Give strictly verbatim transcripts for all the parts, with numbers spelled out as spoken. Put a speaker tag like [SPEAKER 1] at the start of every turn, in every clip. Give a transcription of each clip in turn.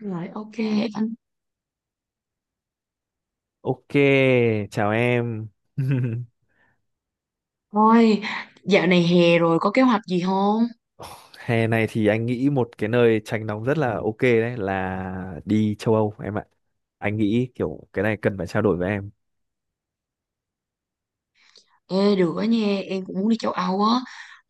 [SPEAKER 1] Rồi, ok anh.
[SPEAKER 2] Ok, chào em.
[SPEAKER 1] Thôi, dạo này hè rồi có kế hoạch gì không?
[SPEAKER 2] Hè này thì anh nghĩ một cái nơi tránh nóng rất là ok đấy là đi châu Âu em ạ. Anh nghĩ kiểu cái này cần phải trao đổi với em.
[SPEAKER 1] Ê, được đó nha, em cũng muốn đi châu Âu á.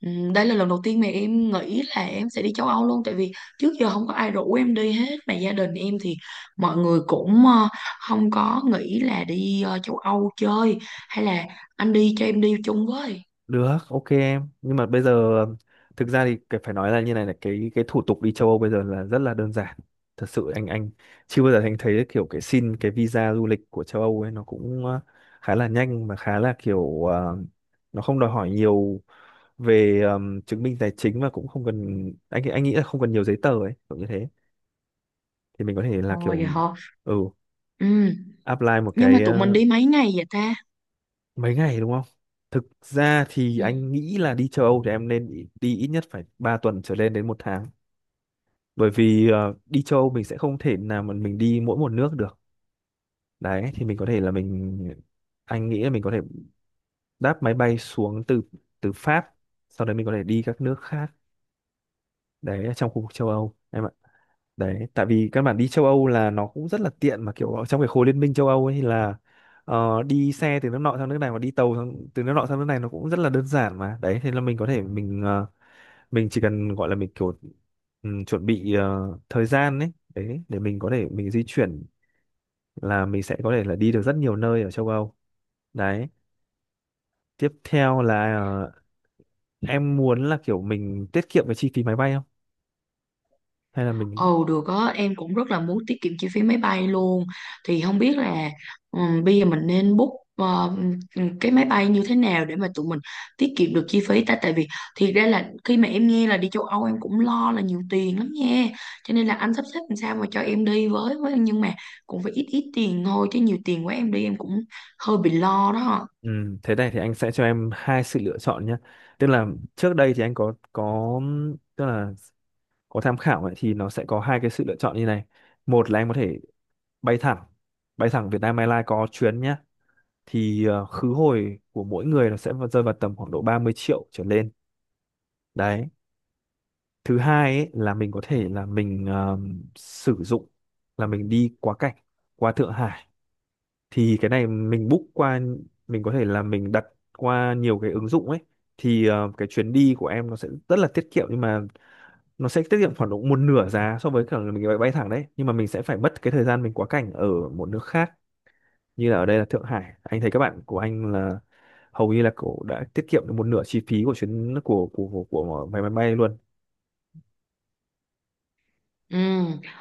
[SPEAKER 1] Ừm, Đây là lần đầu tiên mà em nghĩ là em sẽ đi châu Âu luôn. Tại vì trước giờ không có ai rủ em đi hết. Mà gia đình em thì mọi người cũng ờ, không có nghĩ là đi ờ, châu Âu chơi. Hay là anh đi cho em đi chung với.
[SPEAKER 2] Được, ok em. Nhưng mà bây giờ ừm, thực ra thì cái- phải nói là như này là cái cái thủ tục đi châu Âu bây giờ là rất là đơn giản. Thật sự anh anh chưa bao giờ anh thấy kiểu cái xin cái visa du lịch của châu Âu ấy nó cũng ờ, khá là nhanh mà khá là kiểu ờ, nó không đòi hỏi nhiều về ừm, chứng minh tài chính và cũng không cần anh anh nghĩ là không cần nhiều giấy tờ ấy, kiểu như thế. Thì mình có thể là
[SPEAKER 1] Ồ,
[SPEAKER 2] kiểu
[SPEAKER 1] vậy hả?
[SPEAKER 2] ừ
[SPEAKER 1] Ừ.
[SPEAKER 2] apply một
[SPEAKER 1] Nhưng
[SPEAKER 2] cái
[SPEAKER 1] mà tụi mình
[SPEAKER 2] ờ,
[SPEAKER 1] đi mấy ngày vậy ta?
[SPEAKER 2] mấy ngày đúng không? Thực ra thì
[SPEAKER 1] Ừ.
[SPEAKER 2] anh nghĩ là đi châu Âu thì em nên đi đi ít nhất phải ba tuần trở lên đến một tháng. Bởi vì ờ, đi châu Âu mình sẽ không thể nào mà mình đi mỗi một nước được. Đấy, thì mình có thể là mình anh nghĩ là mình có thể đáp máy bay xuống từ từ Pháp, sau đấy mình có thể đi các nước khác đấy ở trong khu vực châu Âu em ạ. Đấy, tại vì các bạn đi châu Âu là nó cũng rất là tiện mà kiểu ở trong cái khối liên minh châu Âu ấy thì là ờ, đi xe từ nước nọ sang nước này và đi tàu sang, từ nước nọ sang nước này nó cũng rất là đơn giản mà. Đấy, thế là mình có thể mình ờ, mình chỉ cần gọi là mình kiểu ừm, chuẩn bị ờ, thời gian ấy, đấy để mình có thể mình di chuyển là mình sẽ có thể là đi được rất nhiều nơi ở châu Âu. Đấy, tiếp theo là ờ, em muốn là kiểu mình tiết kiệm cái chi phí máy bay không? Hay là mình.
[SPEAKER 1] Ồ, được á, em cũng rất là muốn tiết kiệm chi phí máy bay luôn. Thì không biết là ừm, bây giờ mình nên book ờ, cái máy bay như thế nào để mà tụi mình tiết kiệm được chi phí ta, tại vì thiệt ra là khi mà em nghe là đi châu Âu em cũng lo là nhiều tiền lắm nha. Cho nên là anh sắp xếp làm sao mà cho em đi với với nhưng mà cũng phải ít ít tiền thôi, chứ nhiều tiền quá em đi em cũng hơi bị lo đó.
[SPEAKER 2] Ừ, thế này thì anh sẽ cho em hai sự lựa chọn nhé. Tức là trước đây thì anh có có tức là có tham khảo ấy, thì nó sẽ có hai cái sự lựa chọn như này. Một là anh có thể bay thẳng, bay thẳng Vietnam Airlines có chuyến nhé. Thì ờ, khứ hồi của mỗi người nó sẽ vào- rơi vào tầm khoảng độ ba mươi triệu trở lên. Đấy. Thứ hai ấy, là mình có thể là mình ờ, sử dụng là mình đi quá cảnh qua Thượng Hải thì cái này mình book qua mình có thể là mình đặt qua nhiều cái ứng dụng ấy thì ờ, cái chuyến đi của em nó sẽ rất là tiết kiệm nhưng mà nó sẽ tiết kiệm khoảng độ một nửa giá so với cả là mình bay bay thẳng đấy nhưng mà mình sẽ phải mất cái thời gian mình quá cảnh ở một nước khác như là ở đây là Thượng Hải anh thấy các bạn của anh là hầu như là cổ đã tiết kiệm được một nửa chi phí của chuyến của của của, của máy máy bay luôn.
[SPEAKER 1] Ừ,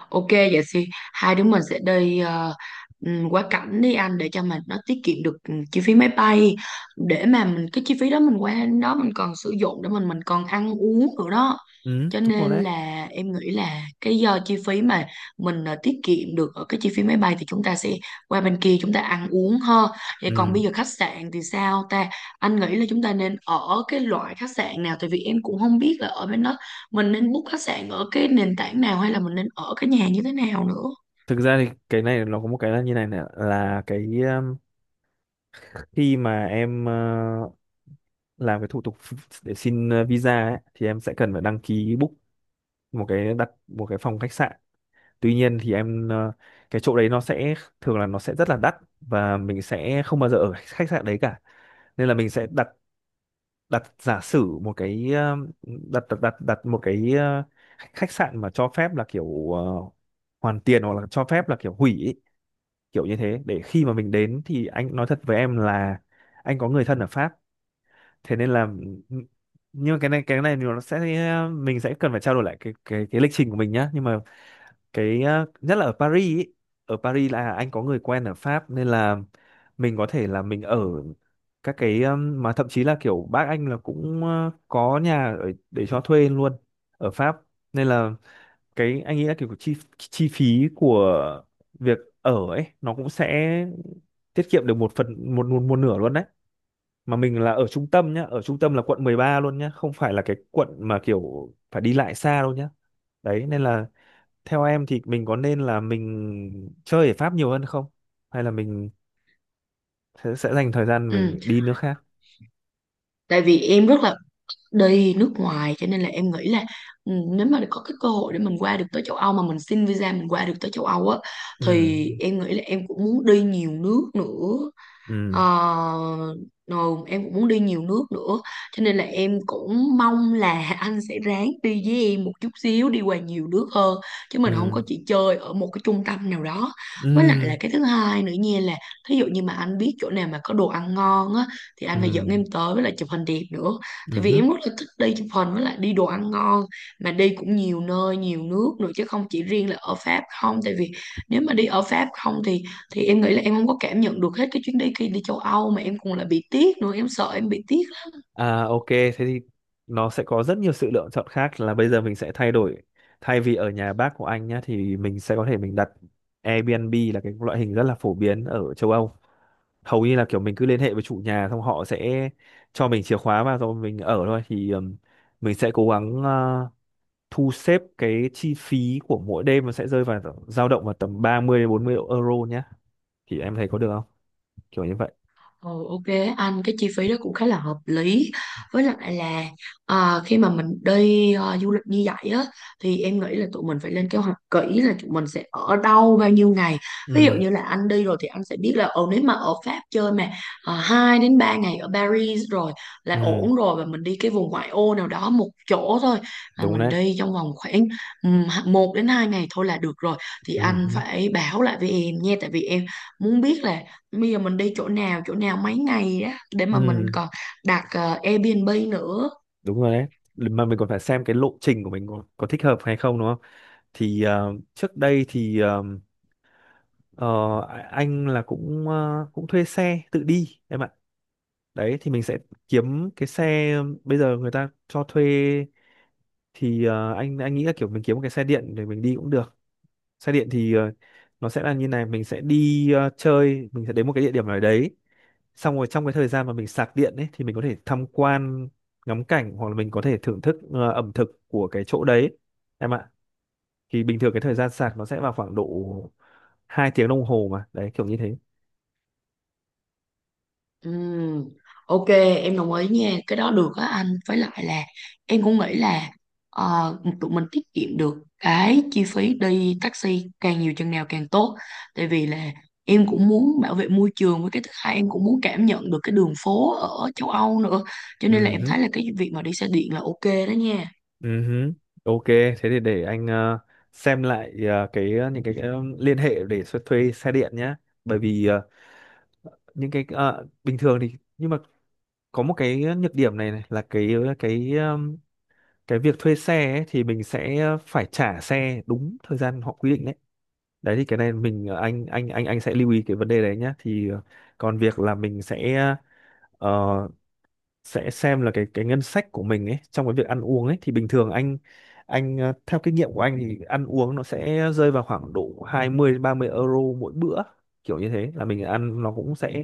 [SPEAKER 1] ok vậy thì hai đứa mình sẽ đi ờ, ừm, quá cảnh đi anh, để cho mình nó tiết kiệm được ừm, chi phí máy bay, để mà mình cái chi phí đó mình qua đến đó mình còn sử dụng để mình mình còn ăn uống nữa đó.
[SPEAKER 2] Ừ.
[SPEAKER 1] Cho
[SPEAKER 2] Đúng rồi
[SPEAKER 1] nên
[SPEAKER 2] đấy.
[SPEAKER 1] là em nghĩ là cái do chi phí mà mình ờ, tiết kiệm được ở cái chi phí máy bay, thì chúng ta sẽ qua bên kia chúng ta ăn uống ha. Vậy còn
[SPEAKER 2] Ừ.
[SPEAKER 1] bây giờ khách sạn thì sao ta? Anh nghĩ là chúng ta nên ở cái loại khách sạn nào, tại vì em cũng không biết là ở bên đó mình nên book khách sạn ở cái nền tảng nào, hay là mình nên ở cái nhà như thế nào nữa.
[SPEAKER 2] Thực ra thì cái này nó có một cái là như này này là cái um, khi mà em ờ, làm cái thủ tục ph- để xin ờ, visa ấy, thì em sẽ cần phải đăng ký book một cái đặt một cái phòng khách sạn. Tuy nhiên thì em ờ, cái chỗ đấy nó sẽ thường là nó sẽ rất là đắt và mình sẽ không bao giờ ở khách sạn đấy cả. Nên là mình sẽ đặt đặt giả sử một cái ờ, đặt đặt đặt, đặt một cái ờ, khách khách sạn mà cho phép là kiểu ờ, hoàn tiền hoặc là cho phép là kiểu hủy ý, kiểu như thế để khi mà mình đến thì anh nói thật với em là anh có người thân ở Pháp thế nên là nhưng mà cái này cái này thì nó sẽ mình sẽ cần phải trao đổi lại cái cái cái lịch trình của mình nhá nhưng mà cái ờ, nhất là ở Paris ý. Ở Paris là anh có người quen ở Pháp nên là mình có thể là mình ở các cái ừm, mà thậm chí là kiểu bác anh là cũng ờ, có nhà ở, để cho thuê luôn ở Pháp nên là cái anh nghĩ là kiểu chi chi phí của việc ở ấy nó cũng sẽ tiết kiệm được một phần một một, một nửa luôn đấy mà mình là ở trung tâm nhá ở trung tâm là quận mười ba luôn nhá không phải là cái quận mà kiểu phải đi lại xa đâu nhá đấy nên là theo em thì mình có nên là mình chơi ở Pháp nhiều hơn không hay là mình sẽ, sẽ dành thời gian mình,
[SPEAKER 1] Ừ,
[SPEAKER 2] mình đi nước khác.
[SPEAKER 1] tại vì em rất là đi nước ngoài, cho nên là em nghĩ là ừ, nếu mà có cái cơ hội để mình qua được tới châu Âu mà mình xin visa mình qua được tới châu Âu á,
[SPEAKER 2] Ừ,
[SPEAKER 1] thì em nghĩ là em cũng muốn đi nhiều nước nữa.
[SPEAKER 2] ừ,
[SPEAKER 1] Ờ, rồi em cũng muốn đi nhiều nước nữa, cho nên là em cũng mong là anh sẽ ráng đi với em một chút xíu đi qua nhiều nước hơn, chứ mình không
[SPEAKER 2] ừ,
[SPEAKER 1] có chỉ chơi ở một cái trung tâm nào đó.
[SPEAKER 2] ừ,
[SPEAKER 1] Với lại là cái thứ hai nữa nha, là thí dụ như mà anh biết chỗ nào mà có đồ ăn ngon á, thì anh
[SPEAKER 2] ừ,
[SPEAKER 1] phải dẫn em tới, với lại chụp hình đẹp nữa. Tại
[SPEAKER 2] ừ
[SPEAKER 1] vì
[SPEAKER 2] hứ.
[SPEAKER 1] em rất là thích đi chụp hình với lại đi đồ ăn ngon, mà đi cũng nhiều nơi nhiều nước nữa chứ không chỉ riêng là ở Pháp không. Tại vì nếu mà đi ở Pháp không thì thì em nghĩ là em không có cảm nhận được hết cái chuyến đi kia đi châu Âu, mà em còn là bị tiếc nữa, em sợ em bị tiếc lắm.
[SPEAKER 2] À, ok, thế thì nó sẽ có rất nhiều sự lựa chọn khác là bây giờ mình sẽ thay đổi thay vì ở nhà bác của anh nhá thì mình sẽ có thể mình đặt Airbnb là cái loại hình rất là phổ biến ở châu Âu hầu như là kiểu mình cứ liên hệ với chủ nhà xong họ sẽ cho mình chìa khóa và rồi mình ở thôi thì ừm, mình sẽ cố gắng ờ, thu xếp cái chi phí của mỗi đêm nó sẽ rơi vào dao động vào tầm ba mươi đến bốn mươi euro nhé thì em thấy có được không kiểu như vậy.
[SPEAKER 1] Ừ, ok anh, cái chi phí đó cũng khá là hợp lý. Với lại là à, khi mà mình đi à, du lịch như vậy á, thì em nghĩ là tụi mình phải lên kế hoạch kỹ là tụi mình sẽ ở đâu bao nhiêu ngày. Ví dụ
[SPEAKER 2] Ừ,
[SPEAKER 1] như là anh đi rồi thì anh sẽ biết là ừ, nếu mà ở Pháp chơi mà à, hai đến ba ngày ở Paris rồi là
[SPEAKER 2] ừ,
[SPEAKER 1] ổn rồi, và mình đi cái vùng ngoại ô nào đó một chỗ thôi. Là
[SPEAKER 2] đúng
[SPEAKER 1] mình
[SPEAKER 2] đấy,
[SPEAKER 1] đi trong vòng khoảng um, một đến hai ngày thôi là được rồi, thì
[SPEAKER 2] ừ,
[SPEAKER 1] anh
[SPEAKER 2] ừ,
[SPEAKER 1] phải báo lại với em nha, tại vì em muốn biết là bây giờ mình đi chỗ nào chỗ nào mấy ngày đó, để mà mình
[SPEAKER 2] ừ,
[SPEAKER 1] còn đặt ờ, Airbnb nữa.
[SPEAKER 2] đúng rồi đấy mà mình còn phải xem cái lộ trình của mình có, có thích hợp hay không đúng không thì ờ, trước đây thì ờ, ờ, anh là cũng ờ, cũng thuê xe tự đi em ạ đấy thì mình sẽ kiếm cái xe bây giờ người ta cho thuê thì ờ, anh anh nghĩ là kiểu mình kiếm một cái xe điện để mình đi cũng được xe điện thì ờ, nó sẽ là như này mình sẽ đi ờ, chơi mình sẽ đến một cái địa điểm nào đấy xong rồi trong cái thời gian mà mình sạc điện ấy thì mình có thể tham quan ngắm cảnh hoặc là mình có thể thưởng thức ờ, ẩm thực của cái chỗ đấy em ạ thì bình thường cái thời gian sạc nó sẽ vào khoảng độ hai tiếng đồng hồ mà đấy kiểu như thế.
[SPEAKER 1] Ừm, ok em đồng ý nha, cái đó được á anh. Với lại là em cũng nghĩ là ờ, tụi mình tiết kiệm được cái chi phí đi taxi càng nhiều chừng nào càng tốt, tại vì là em cũng muốn bảo vệ môi trường, với cái thứ hai em cũng muốn cảm nhận được cái đường phố ở châu Âu nữa. Cho nên là em
[SPEAKER 2] Ừ.
[SPEAKER 1] thấy là cái việc mà đi xe điện là ok đó nha.
[SPEAKER 2] Ừ hứ. Ok, thế thì để anh ờ, xem lại ờ, cái ờ, những cái, cái ờ, liên hệ để thuê, thuê xe điện nhé. Bởi vì ờ, những cái ờ, bình thường thì nhưng mà có một cái nhược điểm này, này là cái ờ, cái ờm, cái việc thuê xe ấy, thì mình sẽ phải trả xe đúng thời gian họ quy định đấy. Đấy thì cái này mình ờ, anh anh anh anh sẽ lưu ý cái vấn đề đấy nhé. Thì ờ, còn việc là mình sẽ ờ, sẽ xem là cái cái ngân sách của mình ấy trong cái việc ăn uống ấy thì bình thường anh anh ờ, theo kinh nghiệm của anh thì ăn uống nó sẽ rơi vào khoảng độ hai mươi đến ba mươi euro mỗi bữa kiểu như thế là mình ăn nó cũng sẽ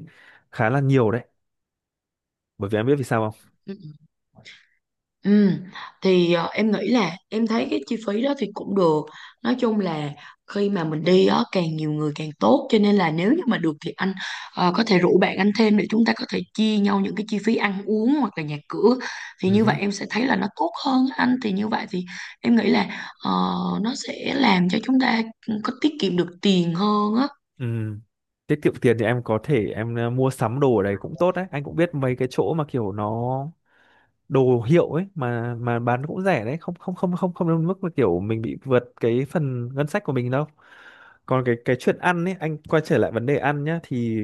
[SPEAKER 2] khá là nhiều đấy bởi vì em biết vì sao không.
[SPEAKER 1] Ừ, thì ờ, em nghĩ là em thấy cái chi phí đó thì cũng được. Nói chung là khi mà mình đi á càng nhiều người càng tốt, cho nên là nếu như mà được thì anh ờ, có thể rủ bạn anh thêm để chúng ta có thể chia nhau những cái chi phí ăn uống hoặc là nhà cửa, thì
[SPEAKER 2] Ừ
[SPEAKER 1] như
[SPEAKER 2] hứ.
[SPEAKER 1] vậy em sẽ thấy là nó tốt hơn á anh. Thì như vậy thì em nghĩ là ờ, nó sẽ làm cho chúng ta ừ, có tiết kiệm được tiền hơn á.
[SPEAKER 2] Ừ. Tiết kiệm tiền thì em có thể em ờ, mua sắm đồ ở đấy cũng tốt đấy anh cũng biết mấy cái chỗ mà kiểu nó đồ hiệu ấy mà mà bán cũng rẻ đấy không không không không không đến mức là kiểu mình bị vượt cái phần ngân sách của mình đâu còn cái cái chuyện ăn ấy anh quay trở lại vấn đề ăn nhá thì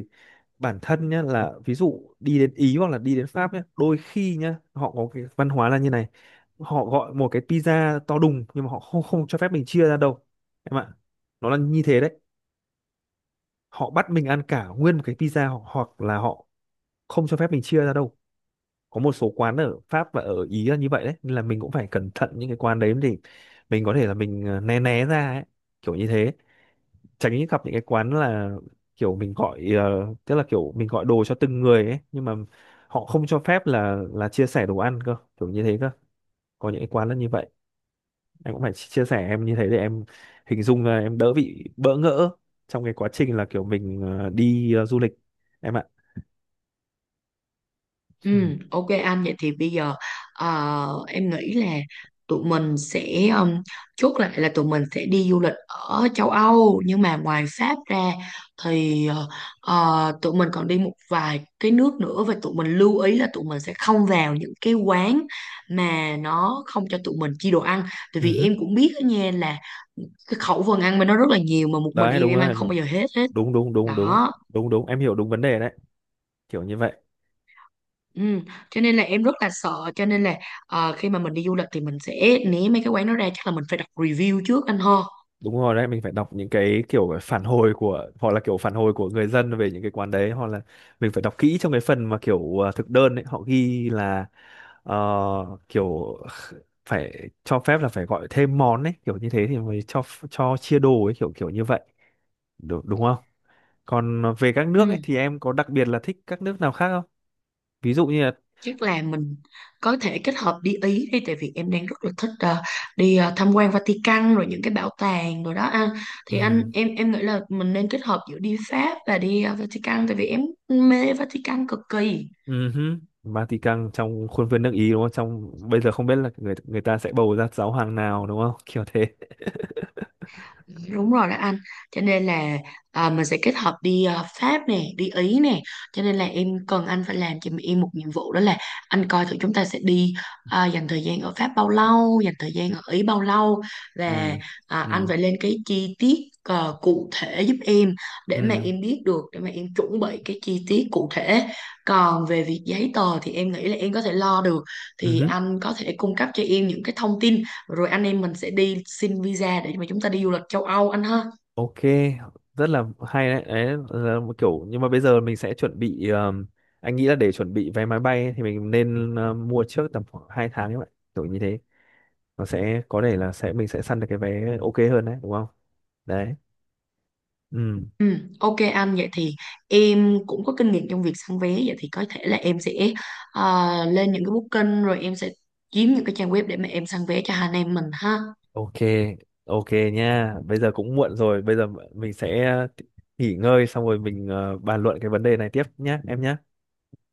[SPEAKER 2] bản thân nhá là ví dụ đi đến Ý hoặc là đi đến Pháp nhá đôi khi nhá họ có cái văn hóa là như này họ gọi một cái pizza to đùng nhưng mà họ không không cho phép mình chia ra đâu em ạ nó là như thế đấy họ bắt mình ăn cả nguyên một cái pizza hoặc hoặc là họ không cho phép mình chia ra đâu có một số quán ở Pháp và ở Ý là như vậy đấy nên là mình cũng phải cẩn thận những cái quán đấy để mình có thể là mình ờ, né né ra ấy kiểu như thế tránh gặp những cái quán là kiểu mình gọi ờ, tức là kiểu mình gọi đồ cho từng người ấy nhưng mà họ không cho phép là là chia sẻ đồ ăn cơ kiểu như thế cơ có những cái quán là như vậy em cũng phải chi- chia sẻ em như thế để em hình dung là em đỡ bị bỡ ngỡ trong cái quá trình là kiểu mình ờ, đi ờ, du lịch em ạ.
[SPEAKER 1] Ừ,
[SPEAKER 2] Ừ.
[SPEAKER 1] ok anh, vậy thì bây giờ ờ, em nghĩ là tụi mình sẽ um, chốt lại là tụi mình sẽ đi du lịch ở châu Âu, nhưng mà ngoài Pháp ra thì ờ, ờ, tụi mình còn đi một vài cái nước nữa, và tụi mình lưu ý là tụi mình sẽ không vào những cái quán mà nó không cho tụi mình chi đồ ăn. Tại vì
[SPEAKER 2] Ừ.
[SPEAKER 1] em cũng biết đó nha là cái khẩu phần ăn mà nó rất là nhiều, mà một mình
[SPEAKER 2] Đấy
[SPEAKER 1] em
[SPEAKER 2] đúng
[SPEAKER 1] em ăn
[SPEAKER 2] rồi,
[SPEAKER 1] không bao giờ hết hết
[SPEAKER 2] đúng, đúng, đúng, đúng,
[SPEAKER 1] đó.
[SPEAKER 2] đúng, đúng, em hiểu đúng vấn đề đấy kiểu như vậy.
[SPEAKER 1] Ừ. Cho nên là em rất là sợ, cho nên là ờ, khi mà mình đi du lịch thì mình sẽ né mấy cái quán đó ra, chắc là mình phải đọc review trước anh ho.
[SPEAKER 2] Đúng, rồi đấy mình phải đọc những cái kiểu phản hồi của hoặc là kiểu phản hồi của người dân về những cái quán đấy hoặc là mình phải đọc kỹ trong cái phần mà kiểu ờ, thực đơn ấy họ ghi là ờ, kiểu phải cho phép là phải gọi thêm món ấy kiểu như thế thì mới cho cho chia đồ ấy kiểu kiểu như vậy đúng, đúng không? Còn về các nước
[SPEAKER 1] Ừ.
[SPEAKER 2] ấy thì em có đặc biệt là thích các nước nào khác không, ví dụ như là.
[SPEAKER 1] Chắc là mình có thể kết hợp đi Ý đi, tại vì em đang rất là thích ờ, đi ờ, tham quan Vatican rồi những cái bảo tàng rồi đó anh. Thì anh
[SPEAKER 2] Ừ.
[SPEAKER 1] em em nghĩ là mình nên kết hợp giữa đi Pháp và đi ờ, Vatican, tại vì em mê Vatican cực kỳ.
[SPEAKER 2] Ừ hứ. Vatican trong khuôn viên nước Ý đúng không? Trong bây giờ không biết là người người ta sẽ bầu ra giáo hoàng nào đúng không? Kiểu thế.
[SPEAKER 1] Đúng rồi đó anh, cho nên là à, mình sẽ kết hợp đi à, Pháp nè, đi Ý nè, cho nên là em cần anh phải làm cho em một nhiệm vụ đó là anh coi thử chúng ta sẽ đi à, dành thời gian ở Pháp bao lâu, dành thời gian ở Ý bao lâu, và
[SPEAKER 2] Ừ.
[SPEAKER 1] à, anh
[SPEAKER 2] Ừ.
[SPEAKER 1] phải lên cái chi tiết à, cụ thể giúp em, để mà
[SPEAKER 2] Ừ.
[SPEAKER 1] em biết được, để mà em chuẩn bị cái chi tiết cụ thể. Còn về việc giấy tờ thì em nghĩ là em có thể lo được,
[SPEAKER 2] Ừ
[SPEAKER 1] thì
[SPEAKER 2] hứ.
[SPEAKER 1] anh có thể cung cấp cho em những cái thông tin, rồi anh em mình sẽ đi xin visa để mà chúng ta đi du lịch châu Âu anh ha.
[SPEAKER 2] Ok, rất là hay đấy. Đấy là một kiểu nhưng mà bây giờ mình sẽ chuẩn bị ờm, anh nghĩ là để chuẩn bị vé máy bay ấy, thì mình nên ờ, mua trước tầm khoảng hai tháng các bạn. Kiểu như thế. Nó sẽ có thể là sẽ mình sẽ săn được cái vé ok hơn đấy, đúng không? Đấy. Ừ.
[SPEAKER 1] Ừ, ok anh, vậy thì em cũng có kinh nghiệm trong việc săn vé, vậy thì có thể là em sẽ ờ, lên những cái booking rồi em sẽ kiếm những cái trang web để mà em săn vé cho hai anh em mình ha.
[SPEAKER 2] Ok, ok nha. Bây giờ cũng muộn rồi, bây giờ mình sẽ ờ, nghỉ ngơi xong rồi mình ờ, bàn luận cái vấn đề này tiếp nhé, em nhé.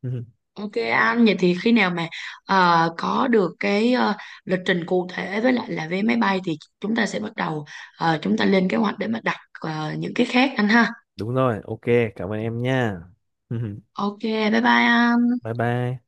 [SPEAKER 1] Ok anh, vậy thì khi nào mà ờ, có được cái ờ, lịch trình cụ thể với lại là vé máy bay, thì chúng ta sẽ bắt đầu ờ, chúng ta lên kế hoạch để mà đặt ờ, những cái khác anh ha.
[SPEAKER 2] Đúng rồi, ok, cảm ơn em nha.
[SPEAKER 1] Ok bye bye anh.
[SPEAKER 2] Bye bye.